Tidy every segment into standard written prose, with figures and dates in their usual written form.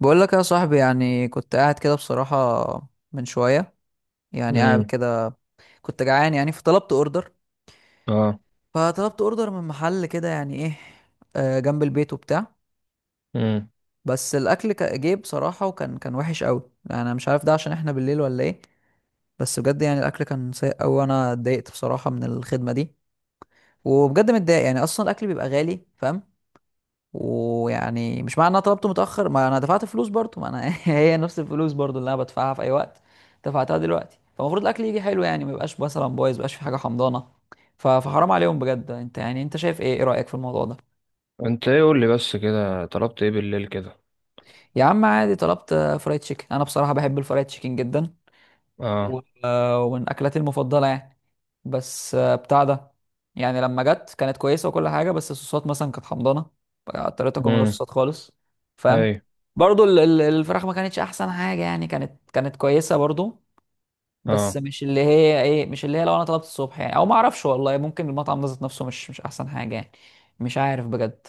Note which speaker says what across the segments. Speaker 1: بقول لك يا صاحبي يعني كنت قاعد كده بصراحة من شوية يعني قاعد
Speaker 2: امم.
Speaker 1: كده كنت جعان يعني فطلبت اوردر
Speaker 2: اه.
Speaker 1: فطلبت اوردر من محل كده يعني ايه جنب البيت وبتاع.
Speaker 2: امم
Speaker 1: بس الاكل جه بصراحة وكان كان وحش قوي، انا مش عارف ده عشان احنا بالليل ولا ايه. بس بجد يعني الاكل كان سيء قوي وانا اتضايقت بصراحة من الخدمة دي، وبجد متضايق يعني اصلا الاكل بيبقى غالي، فاهم؟ ويعني مش معنى ان انا طلبته متاخر ما انا دفعت فلوس برضه ما انا هي نفس الفلوس برضه اللي انا بدفعها في اي وقت دفعتها دلوقتي، فالمفروض الاكل يجي حلو يعني ما يبقاش مثلا بايظ، ما يبقاش في حاجه حمضانه. فحرام عليهم بجد. انت يعني انت شايف ايه، ايه رايك في الموضوع ده؟
Speaker 2: انت ايه قول لي بس كده طلبت ايه بالليل كده؟
Speaker 1: يا عم عادي طلبت فرايد تشيكن، انا بصراحه بحب الفرايد تشيكن جدا
Speaker 2: اه.
Speaker 1: ومن اكلاتي المفضله يعني. بس بتاع ده يعني لما جت كانت كويسه وكل حاجه، بس الصوصات مثلا كانت حمضانه، اضطريت اكل من غير
Speaker 2: امم.
Speaker 1: صوصات خالص، فاهم.
Speaker 2: اي.
Speaker 1: برضو الفراخ ما كانتش احسن حاجه يعني، كانت كويسه برضو، بس
Speaker 2: اه.
Speaker 1: مش اللي هي ايه، مش اللي هي لو انا طلبت الصبح يعني، او ما اعرفش والله ممكن المطعم ده ذات نفسه مش احسن حاجه يعني. مش عارف بجد.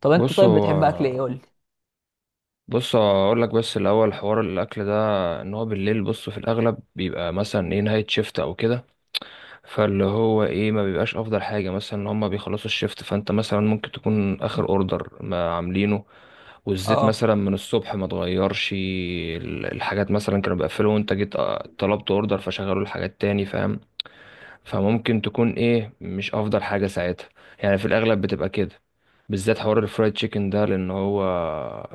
Speaker 1: طب انت
Speaker 2: بص
Speaker 1: طيب
Speaker 2: هو
Speaker 1: بتحب اكل ايه؟ قول لي.
Speaker 2: بص اقول لك بس الاول حوار الاكل ده. ان هو بالليل بص في الاغلب بيبقى مثلا ايه نهايه شيفت او كده. فاللي هو ايه ما بيبقاش افضل حاجه مثلا ان هم بيخلصوا الشيفت فانت مثلا ممكن تكون اخر اوردر ما عاملينه. والزيت
Speaker 1: اه،
Speaker 2: مثلا من الصبح ما اتغيرش الحاجات مثلا كانوا بيقفلوا وانت جيت، طلبت اوردر فشغلوا الحاجات تاني فاهم. فممكن تكون ايه مش افضل حاجه ساعتها. يعني في الاغلب بتبقى كده. بالذات حوار الفرايد تشيكن ده لان هو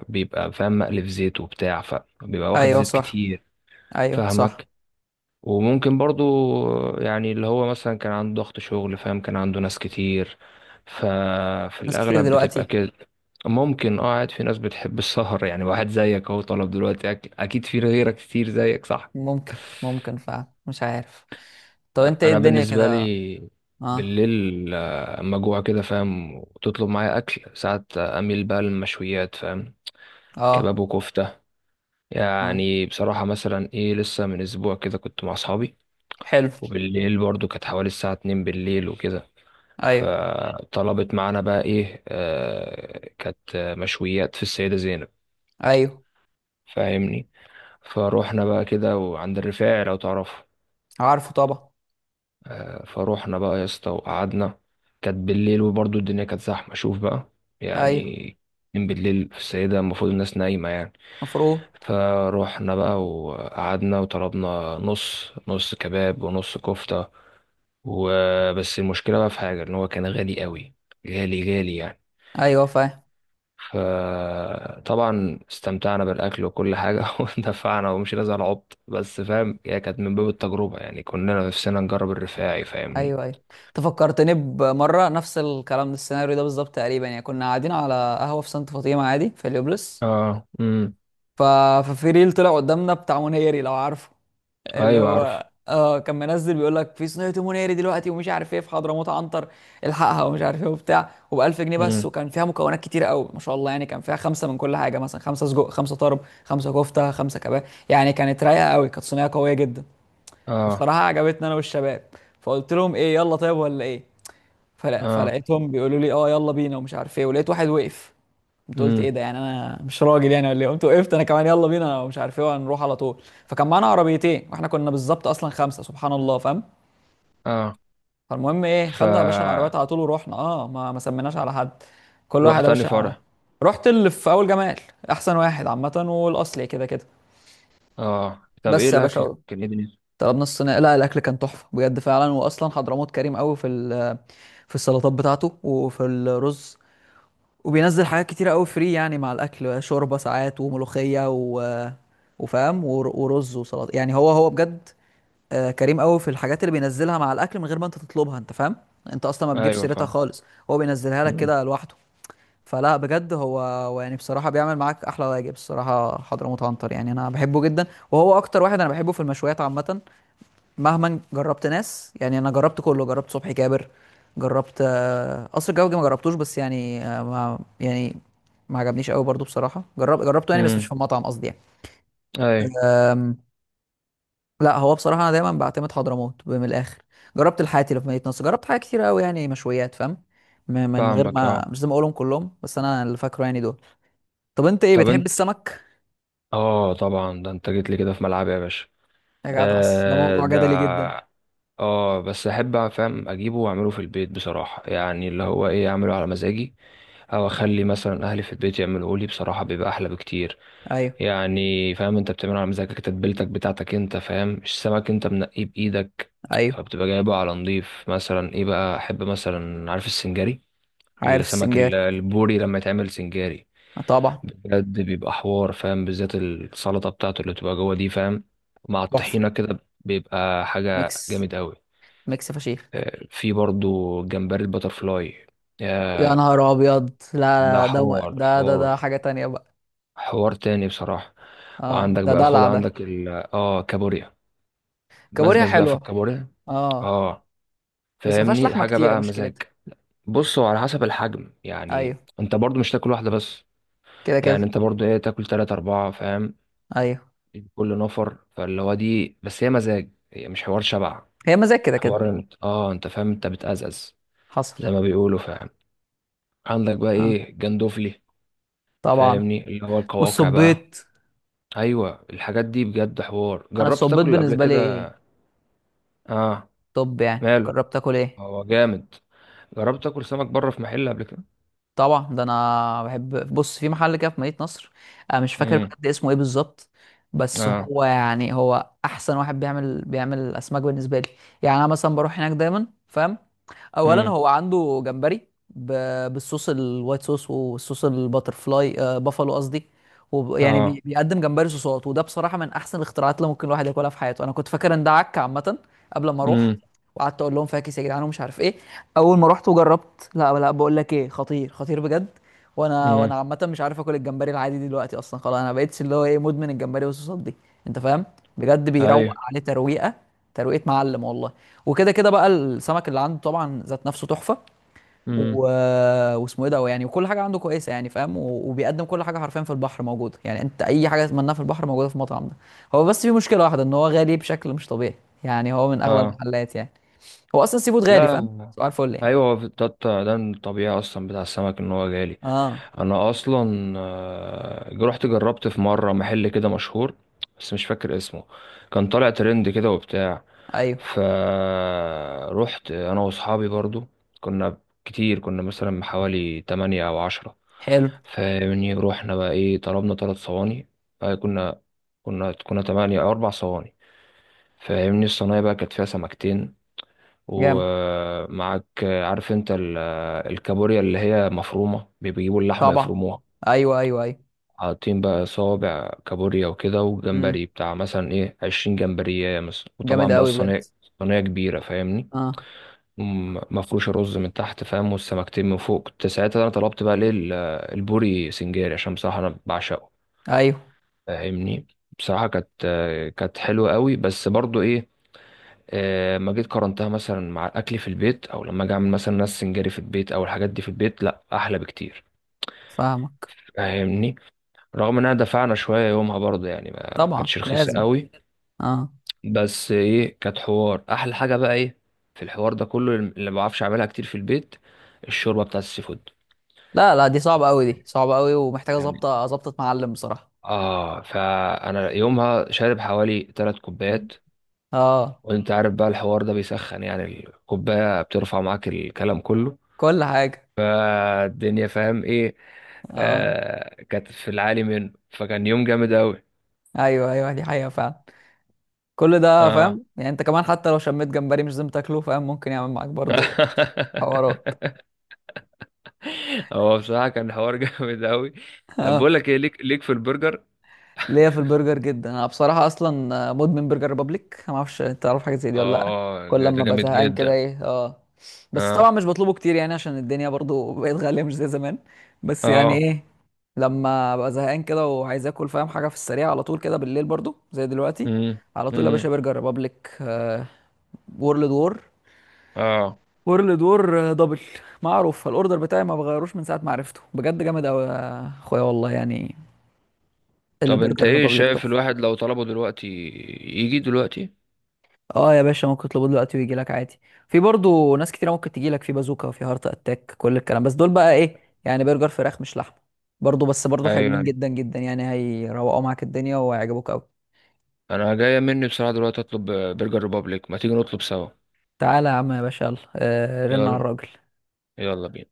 Speaker 2: بيبقى فاهم مقلي في زيت وبتاع فبيبقى واخد
Speaker 1: ايوه
Speaker 2: زيت
Speaker 1: صح،
Speaker 2: كتير.
Speaker 1: ايوه صح.
Speaker 2: فاهمك. وممكن برضو يعني اللي هو مثلا كان عنده ضغط شغل فاهم، كان عنده ناس كتير ففي
Speaker 1: ناس كتير
Speaker 2: الاغلب بتبقى
Speaker 1: دلوقتي؟
Speaker 2: كده. ممكن. اه، عاد في ناس بتحب السهر، يعني واحد زيك اهو طلب دلوقتي اكل، اكيد في غيرك كتير زيك صح؟
Speaker 1: ممكن. ممكن فعلا، مش عارف. طب انت ايه
Speaker 2: انا
Speaker 1: الدنيا
Speaker 2: بالنسبه
Speaker 1: كده؟
Speaker 2: لي
Speaker 1: اه.
Speaker 2: بالليل اما جوع كده فاهم وتطلب معايا اكل، ساعات اميل بقى للمشويات فاهم، كباب
Speaker 1: اه.
Speaker 2: وكفته.
Speaker 1: اه.
Speaker 2: يعني بصراحه مثلا ايه لسه من اسبوع كده كنت مع اصحابي.
Speaker 1: حلو.
Speaker 2: وبالليل برضو كانت حوالي الساعه 2 بالليل وكده.
Speaker 1: ايوه.
Speaker 2: فطلبت معانا بقى ايه، كانت مشويات في السيده زينب.
Speaker 1: ايوه.
Speaker 2: فاهمني. فروحنا بقى كده وعند الرفاعي لو تعرفه.
Speaker 1: عارفه طبعا.
Speaker 2: فروحنا بقى يا اسطى وقعدنا. كانت بالليل وبرضه الدنيا كانت زحمة. شوف بقى
Speaker 1: ايوه.
Speaker 2: يعني، 2 بالليل في السيدة المفروض الناس نايمة يعني.
Speaker 1: مفروض.
Speaker 2: فروحنا بقى وقعدنا وطلبنا نص نص، كباب ونص كفتة. وبس المشكلة بقى في حاجة إن هو كان غالي قوي. غالي غالي يعني.
Speaker 1: ايوه فاهم.
Speaker 2: فطبعا استمتعنا بالأكل وكل حاجة ودفعنا ومشينا زي العبط. بس فاهم هي كانت من باب التجربة، يعني كنا نفسنا نجرب الرفاعي فاهمني.
Speaker 1: ايوه ايوه، انت فكرتني بمره نفس الكلام ده، السيناريو ده بالظبط تقريبا. يعني كنا قاعدين على قهوه في سانت فاطمه عادي في اليوبلس.
Speaker 2: اه.
Speaker 1: ف... ففي ريل طلع قدامنا بتاع منيري، لو عارفه، اللي
Speaker 2: ايوه. عارف.
Speaker 1: هو اه كان منزل بيقول لك في صينيه مناري دلوقتي ومش عارف ايه في حضرموت عنتر، الحقها ومش عارف ايه وبتاع وب 1000 جنيه بس،
Speaker 2: امم.
Speaker 1: وكان فيها مكونات كتير قوي ما شاء الله يعني، كان فيها خمسه من كل حاجه، مثلا خمسه سجق، خمسه طرب، خمسه كفته، خمسه كباب، يعني كانت رايقه قوي، كانت صينيه قويه جدا.
Speaker 2: اه.
Speaker 1: وبصراحه عجبتني انا والشباب، فقلت لهم ايه، يلا طيب ولا ايه؟ فلا
Speaker 2: اه.
Speaker 1: فلقيتهم بيقولوا لي اه يلا بينا ومش عارف ايه، ولقيت واحد وقف. قمت قلت ايه
Speaker 2: امم.
Speaker 1: ده يعني، انا مش راجل يعني ولا ايه؟ قمت وقفت انا كمان، يلا بينا ومش عارف ايه، وهنروح على طول. فكان معانا عربيتين واحنا كنا بالظبط اصلا خمسه سبحان الله، فاهم.
Speaker 2: اه.
Speaker 1: فالمهم ايه،
Speaker 2: ف
Speaker 1: خدنا يا باشا العربيات على طول ورحنا، اه ما سميناش على حد، كل
Speaker 2: روح
Speaker 1: واحد يا
Speaker 2: تاني
Speaker 1: باشا
Speaker 2: فرع.
Speaker 1: رحت اللي في اول جمال، احسن واحد عامه والاصلي كده كده.
Speaker 2: اه. طب ايه
Speaker 1: بس يا
Speaker 2: الاكل
Speaker 1: باشا
Speaker 2: كان ايه دنيته؟
Speaker 1: طلبنا الصينيه، لا الاكل كان تحفه بجد فعلا. واصلا حضرموت كريم قوي في في السلطات بتاعته وفي الرز، وبينزل حاجات كتيرة قوي فري يعني مع الاكل، شوربه ساعات وملوخيه وفاهم ورز وسلطه، يعني هو هو بجد كريم قوي في الحاجات اللي بينزلها مع الاكل من غير ما انت تطلبها، انت فاهم، انت اصلا ما بتجيبش
Speaker 2: ايوه
Speaker 1: سيرتها
Speaker 2: فاهم.
Speaker 1: خالص، هو بينزلها لك
Speaker 2: امم.
Speaker 1: كده لوحده. فلا بجد هو هو يعني بصراحه بيعمل معاك احلى واجب، الصراحه حضرموت عنتر يعني انا بحبه جدا، وهو اكتر واحد انا بحبه في المشويات عامه. مهما جربت ناس يعني، انا جربت كله، جربت صبحي كابر، جربت قصر الكبابجي ما جربتوش بس يعني، ما عجبنيش قوي برضو بصراحه، جربته يعني بس مش
Speaker 2: امم.
Speaker 1: في مطعم قصدي يعني.
Speaker 2: ايوه
Speaker 1: آم، لا هو بصراحه انا دايما بعتمد حضرموت من الاخر. جربت الحاتي اللي في مدينه نصر، جربت حاجات كتير قوي يعني مشويات، فاهم، من غير
Speaker 2: فاهمك.
Speaker 1: ما
Speaker 2: اه.
Speaker 1: مش لازم اقولهم كلهم، بس انا اللي فاكره يعني دول. طب انت ايه،
Speaker 2: طب
Speaker 1: بتحب
Speaker 2: انت
Speaker 1: السمك؟
Speaker 2: اه طبعا ده انت جيت لي كده في ملعبي يا باشا.
Speaker 1: يا جدع ده
Speaker 2: آه
Speaker 1: موضوع جدلي
Speaker 2: ده
Speaker 1: جدا.
Speaker 2: اه بس احب فاهم اجيبه واعمله في البيت بصراحه، يعني اللي هو ايه اعمله على مزاجي. او اخلي مثلا اهلي في البيت يعملوه لي، بصراحه بيبقى احلى بكتير.
Speaker 1: ايوه
Speaker 2: يعني فاهم، انت بتعمله على مزاجك، تتبيلتك بتاعتك انت فاهم، مش سمك انت منقيه بايدك.
Speaker 1: ايوه،
Speaker 2: فبتبقى جايبه على نضيف مثلا ايه. بقى احب مثلا عارف السنجاري،
Speaker 1: عارف
Speaker 2: السمك
Speaker 1: السنجاري.
Speaker 2: البوري لما يتعمل سنجاري.
Speaker 1: طبعا.
Speaker 2: بجد بيبقى حوار فاهم، بالذات السلطة بتاعته اللي بتبقى جوه دي فاهم، مع
Speaker 1: تحفه.
Speaker 2: الطحينة كده بيبقى حاجة
Speaker 1: ميكس.
Speaker 2: جامد قوي.
Speaker 1: ميكس فشيخ.
Speaker 2: اه، في برضو جمبري الباترفلاي.
Speaker 1: يا
Speaker 2: يا
Speaker 1: نهار ابيض، لا
Speaker 2: ده
Speaker 1: لا، ده
Speaker 2: حوار،
Speaker 1: ده ده
Speaker 2: حوار
Speaker 1: ده حاجة تانية بقى.
Speaker 2: حوار تاني بصراحة.
Speaker 1: اه
Speaker 2: وعندك
Speaker 1: ده
Speaker 2: بقى، خد
Speaker 1: دلع ده.
Speaker 2: عندك اه كابوريا.
Speaker 1: كابوريا
Speaker 2: مزمز بقى في
Speaker 1: حلوة.
Speaker 2: الكابوريا.
Speaker 1: اه،
Speaker 2: اه.
Speaker 1: بس ما فيهاش
Speaker 2: فاهمني
Speaker 1: لحمة
Speaker 2: حاجه
Speaker 1: كتيرة
Speaker 2: بقى مزاج.
Speaker 1: مشكلتها.
Speaker 2: بص هو على حسب الحجم، يعني
Speaker 1: ايوه.
Speaker 2: انت برضو مش تاكل واحده بس.
Speaker 1: كده
Speaker 2: يعني
Speaker 1: كده.
Speaker 2: انت برضو ايه، تاكل تلاتة اربعة فاهم،
Speaker 1: ايوه.
Speaker 2: كل نفر. فاللي هو دي بس هي مزاج، هي مش حوار شبع.
Speaker 1: هي مزاج كده كده.
Speaker 2: حوار انت فاهم، انت بتأزأز
Speaker 1: حصل.
Speaker 2: زي ما بيقولوا فاهم. عندك بقى
Speaker 1: اه
Speaker 2: ايه جندوفلي.
Speaker 1: طبعا.
Speaker 2: فاهمني اللي هو القواقع بقى.
Speaker 1: والصبيط.
Speaker 2: ايوه، الحاجات دي بجد حوار.
Speaker 1: انا
Speaker 2: جربت
Speaker 1: الصبيط
Speaker 2: تاكل قبل
Speaker 1: بالنسبة لي
Speaker 2: كده؟
Speaker 1: ايه.
Speaker 2: اه.
Speaker 1: طب يعني
Speaker 2: ماله
Speaker 1: جربت اكل ايه؟
Speaker 2: هو جامد. جربت تاكل سمك بره في محل قبل كده؟
Speaker 1: طبعا، ده انا بحب. بص في محل كده في مدينة نصر، انا مش فاكر
Speaker 2: امم.
Speaker 1: بجد اسمه ايه بالظبط، بس
Speaker 2: اه.
Speaker 1: هو يعني هو احسن واحد بيعمل اسماك بالنسبه لي. يعني انا مثلا بروح هناك دايما، فاهم. اولا
Speaker 2: امم.
Speaker 1: هو عنده جمبري بالصوص، الوايت صوص والصوص الباترفلاي آه بافالو قصدي،
Speaker 2: اه.
Speaker 1: بيقدم جمبري صوصات، وده بصراحه من احسن الاختراعات اللي ممكن الواحد ياكلها في حياته. انا كنت فاكر ان ده عك عامه قبل ما اروح،
Speaker 2: امم.
Speaker 1: وقعدت اقول لهم فاكس يا جدعان ومش عارف ايه. اول ما رحت وجربت، لا لا، بقول لك ايه، خطير خطير بجد. وانا
Speaker 2: امم.
Speaker 1: وانا عامه مش عارف اكل الجمبري العادي دلوقتي اصلا، خلاص انا بقيتش اللي هو ايه مدمن الجمبري والصوصات دي، انت فاهم. بجد بيروق
Speaker 2: ايوه.
Speaker 1: عليه ترويقه، ترويقه معلم والله. وكده كده بقى السمك اللي عنده طبعا ذات نفسه تحفه، و...
Speaker 2: امم.
Speaker 1: واسمه ايه ده يعني، وكل حاجه عنده كويسه يعني، فاهم، وبيقدم كل حاجه حرفيا في البحر موجوده، يعني انت اي حاجه تتمناها في البحر موجوده في المطعم ده. هو بس في مشكله واحده، ان هو غالي بشكل مش طبيعي، يعني هو من اغلى
Speaker 2: اه.
Speaker 1: المحلات يعني، هو اصلا سي فود غالي فاهم،
Speaker 2: لا.
Speaker 1: سؤال الفل يعني.
Speaker 2: ايوه، ده الطبيعي اصلا بتاع السمك ان هو غالي.
Speaker 1: اه.
Speaker 2: انا اصلا رحت جربت في مره محل كده مشهور بس مش فاكر اسمه، كان طالع ترند كده وبتاع.
Speaker 1: ايوه.
Speaker 2: فروحت انا واصحابي برضو. كنا كتير، كنا مثلا حوالي 8 او 10.
Speaker 1: حلو.
Speaker 2: فمني رحنا بقى ايه، طلبنا 3 صواني. آه، كنا كنا 8 او 4 صواني. فاهمني، الصينية بقى كانت فيها سمكتين
Speaker 1: جامد.
Speaker 2: ومعاك، عارف انت الكابوريا اللي هي مفرومة، بيجيبوا اللحمة
Speaker 1: طبعا.
Speaker 2: يفرموها،
Speaker 1: ايوه ايوه ايوه.
Speaker 2: حاطين بقى صوابع كابوريا وكده، وجمبري
Speaker 1: امم.
Speaker 2: بتاع مثلا ايه 20 جمبرية مثلا،
Speaker 1: جامد
Speaker 2: وطبعا بقى
Speaker 1: قوي بجد.
Speaker 2: الصينية صينية كبيرة فاهمني،
Speaker 1: اه.
Speaker 2: مفروشة رز من تحت فاهم والسمكتين من فوق. كنت ساعتها انا طلبت بقى ليه البوري سنجاري عشان بصراحة انا بعشقه
Speaker 1: ايوه.
Speaker 2: فاهمني. بصراحة كانت حلوة قوي بس برضو ايه، ما جيت قارنتها مثلا مع الاكل في البيت، او لما اجي اعمل مثلا ناس سنجاري في البيت او الحاجات دي في البيت، لا احلى بكتير
Speaker 1: فاهمك.
Speaker 2: فاهمني. رغم انها دفعنا شويه يومها برضه، يعني ما
Speaker 1: طبعا
Speaker 2: كانتش رخيصه
Speaker 1: لازم.
Speaker 2: قوي.
Speaker 1: اه.
Speaker 2: بس ايه، كانت حوار احلى حاجه بقى ايه في الحوار ده كله اللي ما بعرفش اعملها كتير في البيت، الشوربه بتاعت السي فود.
Speaker 1: لا لا، دي صعبه قوي، دي صعبه قوي ومحتاجه
Speaker 2: يعني
Speaker 1: ظابطه، ظابطه معلم بصراحه.
Speaker 2: اه، فانا يومها شارب حوالي 3
Speaker 1: مم.
Speaker 2: كوبايات.
Speaker 1: اه.
Speaker 2: وانت عارف بقى الحوار ده بيسخن، يعني الكوبايه بترفع معاك الكلام كله،
Speaker 1: كل حاجه.
Speaker 2: فالدنيا فاهم ايه،
Speaker 1: اه.
Speaker 2: كانت في العالي منه فكان يوم جامد قوي.
Speaker 1: ايوه ايوه، دي حقيقه فعلا. كل ده
Speaker 2: اه.
Speaker 1: فاهم يعني، انت كمان حتى لو شميت جمبري مش لازم تاكله، فاهم، ممكن يعمل معاك برضو حوارات.
Speaker 2: هو بصراحة كان حوار جامد قوي. طب بقول
Speaker 1: اه.
Speaker 2: لك ايه، ليك في البرجر؟
Speaker 1: ليا في البرجر جدا، انا بصراحه اصلا مدمن برجر ريبابليك. ما اعرفش انت تعرف حاجه زي دي ولا لا؟
Speaker 2: اه
Speaker 1: كل
Speaker 2: ده
Speaker 1: لما
Speaker 2: جامد
Speaker 1: بزهقان كده
Speaker 2: جدا.
Speaker 1: ايه اه. بس طبعا
Speaker 2: اه.
Speaker 1: مش بطلبه كتير يعني عشان الدنيا برضو بقت غاليه مش زي زمان. بس يعني
Speaker 2: اه.
Speaker 1: ايه، لما ببقى زهقان كده وعايز اكل فاهم حاجه في السريع على طول كده بالليل، برضو زي دلوقتي،
Speaker 2: امم.
Speaker 1: على طول يا باشا
Speaker 2: امم.
Speaker 1: برجر ريبابليك. وورلد وور.
Speaker 2: اه.
Speaker 1: وورلد وور دبل. معروف الاوردر بتاعي، ما بغيروش من ساعه ما عرفته، بجد جامد قوي يا اخويا والله يعني،
Speaker 2: طب انت
Speaker 1: البرجر
Speaker 2: ايه
Speaker 1: ريبابليك
Speaker 2: شايف،
Speaker 1: تحفه.
Speaker 2: الواحد لو طلبه دلوقتي يجي دلوقتي؟
Speaker 1: اه يا باشا ممكن تطلبه دلوقتي ويجي لك عادي. في برضه ناس كتيره ممكن تجي لك في بازوكا وفي هارت اتاك كل الكلام، بس دول بقى ايه يعني برجر فراخ مش لحمه برضه، بس برضه
Speaker 2: ايوه.
Speaker 1: حلوين
Speaker 2: ايوه.
Speaker 1: جدا جدا يعني، هيروقوا معاك الدنيا وهيعجبوك قوي.
Speaker 2: انا جاية مني بصراحة دلوقتي اطلب برجر ريبابليك، ما تيجي نطلب سوا؟
Speaker 1: تعالى يا عم يا باشا، يلا آه رن على
Speaker 2: يلا.
Speaker 1: الراجل.
Speaker 2: يلا بينا.